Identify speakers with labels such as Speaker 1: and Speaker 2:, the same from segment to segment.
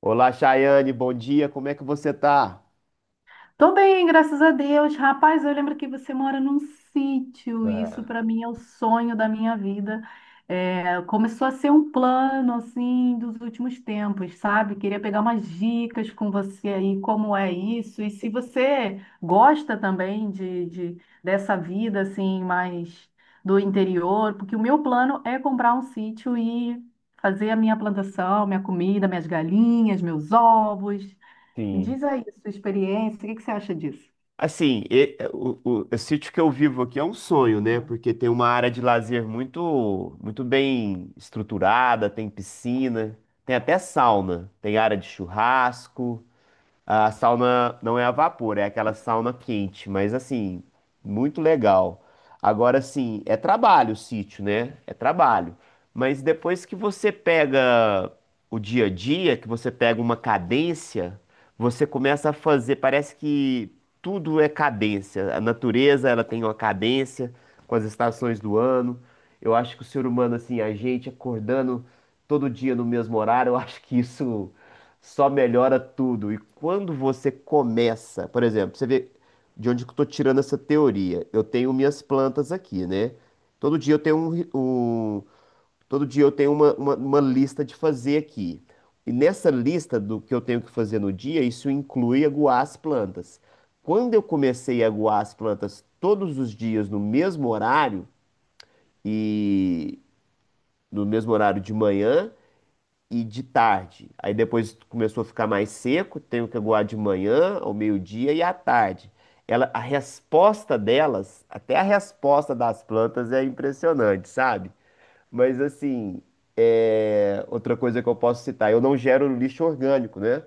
Speaker 1: Olá, Chayane, bom dia, como é que você tá?
Speaker 2: Tô bem, graças a Deus. Rapaz, eu lembro que você mora num sítio, e isso
Speaker 1: É.
Speaker 2: para mim é o sonho da minha vida. É, começou a ser um plano assim dos últimos tempos, sabe? Queria pegar umas dicas com você aí, como é isso, e se você gosta também dessa vida assim, mais do interior, porque o meu plano é comprar um sítio e fazer a minha plantação, minha comida, minhas galinhas, meus ovos. Me
Speaker 1: Sim.
Speaker 2: diz aí a sua experiência, o que que você acha disso?
Speaker 1: Assim, o sítio que eu vivo aqui é um sonho, né? Porque tem uma área de lazer muito, muito bem estruturada, tem piscina, tem até sauna, tem área de churrasco. A sauna não é a vapor, é aquela sauna quente, mas assim, muito legal. Agora sim, é trabalho o sítio, né? É trabalho. Mas depois que você pega o dia a dia, que você pega uma cadência, você começa a fazer, parece que tudo é cadência. A natureza, ela tem uma cadência com as estações do ano. Eu acho que o ser humano, assim, a gente acordando todo dia no mesmo horário, eu acho que isso só melhora tudo. E quando você começa, por exemplo, você vê de onde que eu estou tirando essa teoria. Eu tenho minhas plantas aqui, né? Todo dia eu tenho um, ri- um- Todo dia eu tenho uma lista de fazer aqui. E nessa lista do que eu tenho que fazer no dia, isso inclui aguar as plantas. Quando eu comecei a aguar as plantas todos os dias no mesmo horário e no mesmo horário de manhã, e de tarde. Aí depois começou a ficar mais seco, tenho que aguar de manhã, ao meio-dia e à tarde. Ela, a resposta delas, até a resposta das plantas é impressionante, sabe? Mas assim, é, outra coisa que eu posso citar, eu não gero lixo orgânico, né?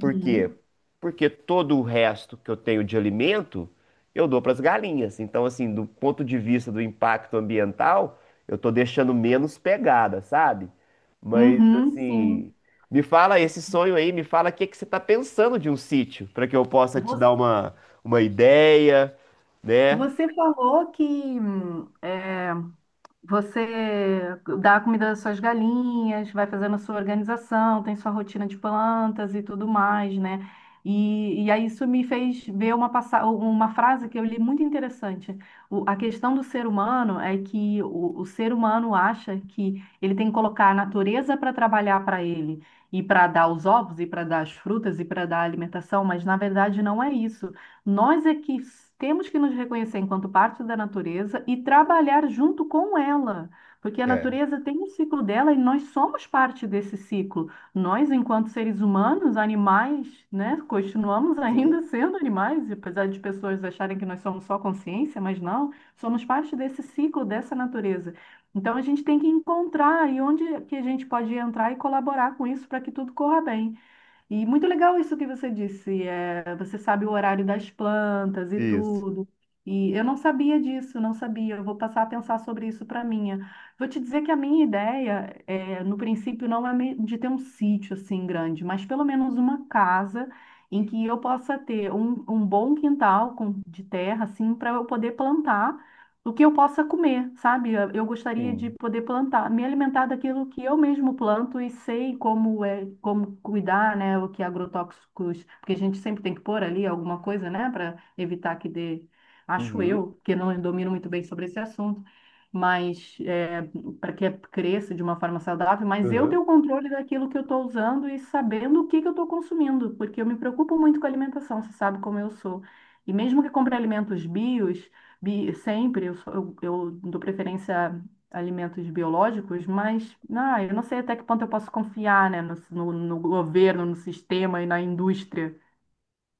Speaker 1: Por quê? Porque todo o resto que eu tenho de alimento eu dou para as galinhas. Então, assim, do ponto de vista do impacto ambiental, eu estou deixando menos pegada, sabe? Mas,
Speaker 2: Uhum, sim.
Speaker 1: assim, me fala esse sonho aí, me fala o que que você está pensando de um sítio, para que eu possa te
Speaker 2: Vo-
Speaker 1: dar uma ideia, né?
Speaker 2: Você falou que você dá a comida das suas galinhas, vai fazendo a sua organização, tem sua rotina de plantas e tudo mais, né? E aí isso me fez ver uma frase que eu li muito interessante. A questão do ser humano é que o ser humano acha que ele tem que colocar a natureza para trabalhar para ele, e para dar os ovos, e para dar as frutas, e para dar a alimentação, mas na verdade não é isso. Nós é que temos que nos reconhecer enquanto parte da natureza e trabalhar junto com ela, porque a
Speaker 1: É.
Speaker 2: natureza tem um ciclo dela e nós somos parte desse ciclo. Nós, enquanto seres humanos, animais, né, continuamos
Speaker 1: Sim.
Speaker 2: ainda sendo animais, apesar de pessoas acharem que nós somos só consciência, mas não, somos parte desse ciclo, dessa natureza. Então a gente tem que encontrar aí onde é que a gente pode entrar e colaborar com isso para que tudo corra bem. E muito legal isso que você disse, você sabe o horário das plantas e
Speaker 1: Isso.
Speaker 2: tudo. E eu não sabia disso, não sabia. Eu vou passar a pensar sobre isso para minha. Vou te dizer que a minha ideia, no princípio, não é de ter um sítio assim grande, mas pelo menos uma casa em que eu possa ter um bom quintal de terra, assim, para eu poder plantar do que eu possa comer, sabe? Eu gostaria de
Speaker 1: Sim.
Speaker 2: poder plantar, me alimentar daquilo que eu mesmo planto e sei como é, como cuidar, né? O que agrotóxicos, porque a gente sempre tem que pôr ali alguma coisa, né, para evitar que dê, acho
Speaker 1: Uhum.
Speaker 2: eu, que não domino muito bem sobre esse assunto. Mas para que cresça de uma forma saudável, mas eu ter
Speaker 1: Uhum.
Speaker 2: o controle daquilo que eu estou usando e sabendo o que que eu estou consumindo, porque eu me preocupo muito com a alimentação, você sabe como eu sou. E mesmo que compre alimentos bios, sempre eu dou preferência a alimentos biológicos, mas ah, eu não sei até que ponto eu posso confiar, né, no governo, no sistema e na indústria.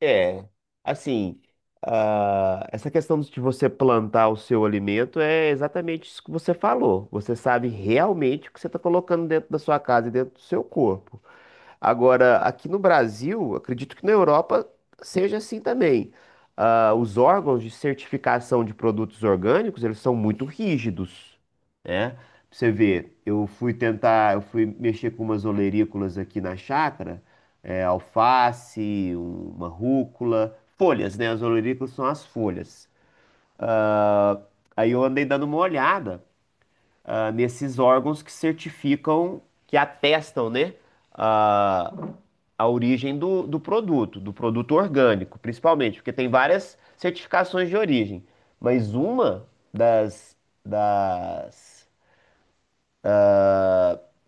Speaker 1: É, assim, essa questão de você plantar o seu alimento é exatamente isso que você falou. Você sabe realmente o que você está colocando dentro da sua casa e dentro do seu corpo. Agora, aqui no Brasil, acredito que na Europa seja assim também. Ah, os órgãos de certificação de produtos orgânicos, eles são muito rígidos, né? Pra você vê, eu fui tentar, eu fui mexer com umas olerícolas aqui na chácara, é, alface, uma rúcula, folhas, né? As olerícolas são as folhas. Ah, aí eu andei dando uma olhada nesses órgãos que certificam, que atestam, né, a, a origem do produto orgânico, principalmente, porque tem várias certificações de origem, mas das, das,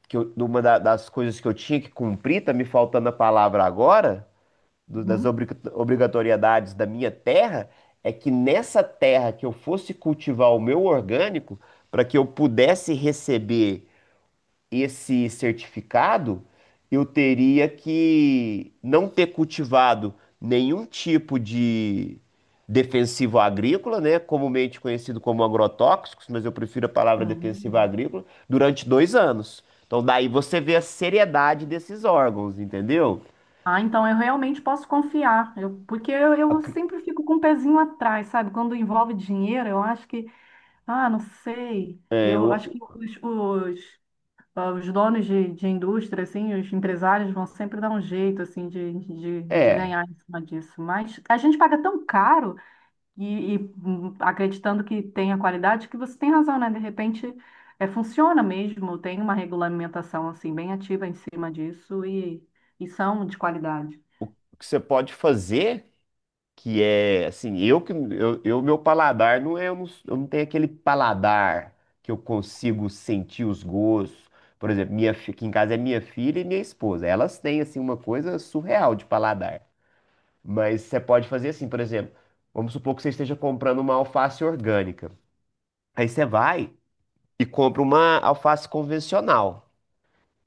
Speaker 1: uma das coisas que eu tinha que cumprir, tá me faltando a palavra agora, das
Speaker 2: Uhum.
Speaker 1: obrigatoriedades da minha terra, é que nessa terra que eu fosse cultivar o meu orgânico, para que eu pudesse receber esse certificado, eu teria que não ter cultivado nenhum tipo de defensivo agrícola, né, comumente conhecido como agrotóxicos, mas eu prefiro a palavra defensiva
Speaker 2: Hum.
Speaker 1: agrícola, durante 2 anos. Então, daí você vê a seriedade desses órgãos, entendeu?
Speaker 2: Ah, então eu realmente posso confiar, eu, porque eu
Speaker 1: Ac-
Speaker 2: sempre fico com o pezinho atrás, sabe? Quando envolve dinheiro, eu acho que, ah, não sei,
Speaker 1: É,
Speaker 2: eu
Speaker 1: o-
Speaker 2: acho que os donos de indústria, assim, os empresários vão sempre dar um jeito, assim, de
Speaker 1: é, o
Speaker 2: ganhar em cima disso. Mas a gente paga tão caro e acreditando que tem a qualidade que você tem razão, né? De repente, funciona mesmo, tem uma regulamentação, assim, bem ativa em cima disso e são de qualidade.
Speaker 1: que você pode fazer. Que é assim, eu, meu paladar não é, eu não tenho aquele paladar que eu consigo sentir os gostos. Por exemplo, aqui em casa é minha filha e minha esposa. Elas têm assim uma coisa surreal de paladar. Mas você pode fazer assim, por exemplo, vamos supor que você esteja comprando uma alface orgânica. Aí você vai e compra uma alface convencional.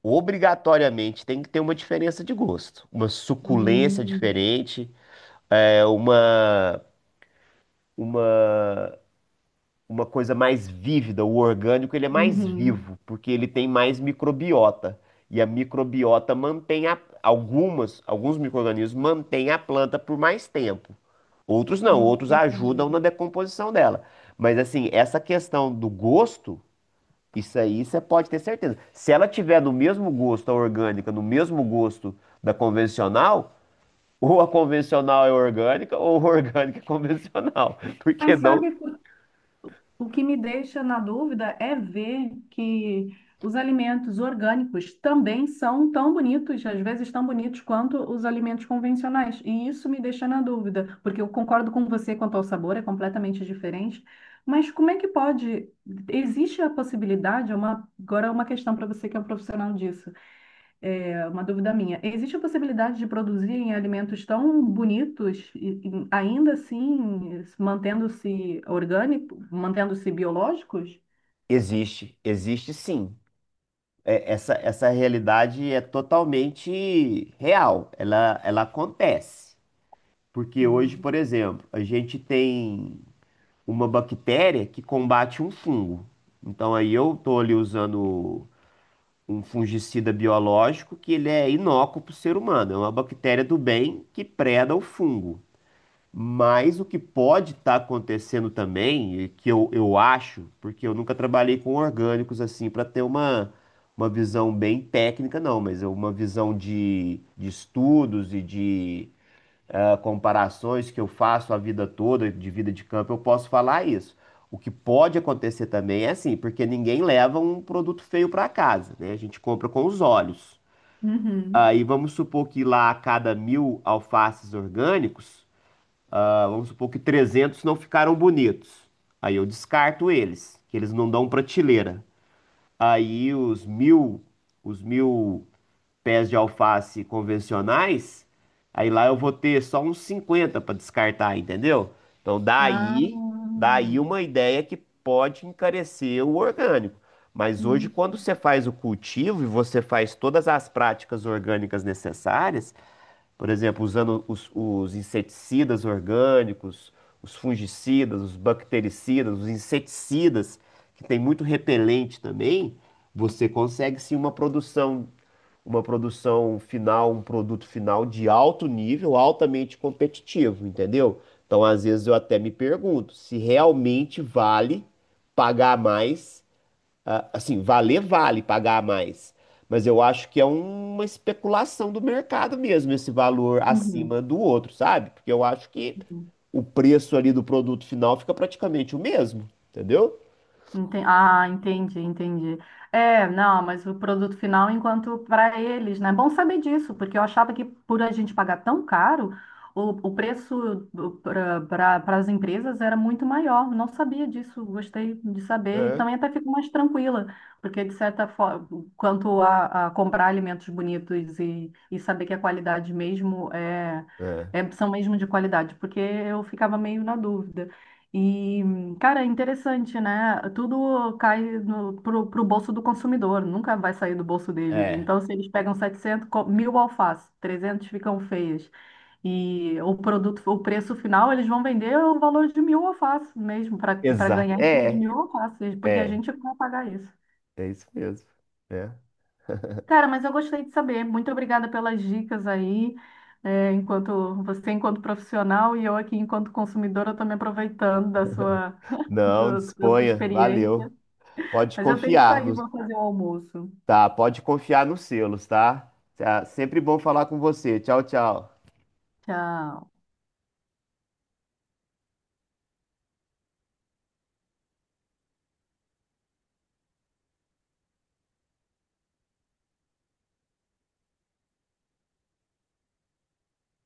Speaker 1: Obrigatoriamente tem que ter uma diferença de gosto, uma suculência
Speaker 2: Hum,
Speaker 1: diferente, é, uma uma coisa mais vívida, o orgânico ele é mais
Speaker 2: uhum,
Speaker 1: vivo, porque ele tem mais microbiota. E a microbiota mantém a, algumas, alguns micro-organismos mantêm a planta por mais tempo. Outros não, outros ajudam
Speaker 2: entendi.
Speaker 1: na decomposição dela. Mas assim, essa questão do gosto, isso aí você pode ter certeza. Se ela tiver no mesmo gosto a orgânica, no mesmo gosto da convencional, ou a convencional é orgânica, ou a orgânica é convencional. Porque
Speaker 2: Mas
Speaker 1: não,
Speaker 2: sabe o que me deixa na dúvida é ver que os alimentos orgânicos também são tão bonitos, às vezes tão bonitos quanto os alimentos convencionais. E isso me deixa na dúvida, porque eu concordo com você quanto ao sabor, é completamente diferente. Mas como é que pode? Existe a possibilidade, é uma, agora é uma questão para você que é um profissional disso. É uma dúvida minha. Existe a possibilidade de produzirem alimentos tão bonitos e ainda assim mantendo-se orgânico, mantendo-se biológicos?
Speaker 1: existe, existe sim. É, essa realidade é totalmente real, ela acontece. Porque hoje,
Speaker 2: Uhum.
Speaker 1: por exemplo, a gente tem uma bactéria que combate um fungo. Então aí eu estou ali usando um fungicida biológico que ele é inócuo para o ser humano, é uma bactéria do bem que preda o fungo. Mas o que pode estar acontecendo também, e que eu acho, porque eu nunca trabalhei com orgânicos assim para ter uma visão bem técnica, não, mas é uma visão de estudos e de comparações que eu faço a vida toda, de vida de campo, eu posso falar isso. O que pode acontecer também é assim, porque ninguém leva um produto feio para casa, né? A gente compra com os olhos.
Speaker 2: Uhum.
Speaker 1: Aí vamos supor que lá a cada 1.000 alfaces orgânicos vamos supor que 300 não ficaram bonitos. Aí eu descarto eles, que eles não dão prateleira. Aí os 1.000 pés de alface convencionais, aí lá eu vou ter só uns 50 para descartar, entendeu? Então daí,
Speaker 2: Ah.
Speaker 1: daí uma ideia que pode encarecer o orgânico. Mas hoje,
Speaker 2: Hum.
Speaker 1: quando você faz o cultivo e você faz todas as práticas orgânicas necessárias, por exemplo, usando os inseticidas orgânicos, os fungicidas, os bactericidas, os inseticidas, que tem muito repelente também, você consegue sim uma produção final, um produto final de alto nível, altamente competitivo, entendeu? Então, às vezes eu até me pergunto se realmente vale pagar mais assim, valer vale pagar mais, mas eu acho que é uma especulação do mercado mesmo, esse valor
Speaker 2: Uhum.
Speaker 1: acima do outro, sabe? Porque eu acho que o preço ali do produto final fica praticamente o mesmo, entendeu?
Speaker 2: Ah, entendi, entendi. É, não, mas o produto final, enquanto para eles, né? É bom saber disso, porque eu achava que por a gente pagar tão caro, o preço para as empresas era muito maior. Não sabia disso, gostei de saber. E
Speaker 1: É.
Speaker 2: também até fico mais tranquila, porque de certa forma, quanto a comprar alimentos bonitos e saber que a qualidade mesmo
Speaker 1: É,
Speaker 2: são mesmo de qualidade, porque eu ficava meio na dúvida. E cara, é interessante, né? Tudo cai no, pro, pro bolso do consumidor, nunca vai sair do bolso deles.
Speaker 1: é,
Speaker 2: Então, se eles pegam mil alfaces, 300 ficam feias. E o produto, o preço final, eles vão vender o valor de mil alfaces mesmo, para
Speaker 1: exato.
Speaker 2: ganhar em cima de mil alfaces, porque a
Speaker 1: É,
Speaker 2: gente vai pagar isso.
Speaker 1: é isso mesmo. É.
Speaker 2: Cara, mas eu gostei de saber. Muito obrigada pelas dicas aí. É, enquanto você, enquanto profissional, e eu aqui, enquanto consumidora, estou me aproveitando da sua,
Speaker 1: Não,
Speaker 2: da sua
Speaker 1: disponha, valeu.
Speaker 2: experiência.
Speaker 1: Pode
Speaker 2: Mas eu tenho que
Speaker 1: confiar
Speaker 2: sair,
Speaker 1: nos,
Speaker 2: vou fazer o almoço.
Speaker 1: tá? Pode confiar nos selos, tá? Tá, sempre bom falar com você. Tchau, tchau.
Speaker 2: Tchau.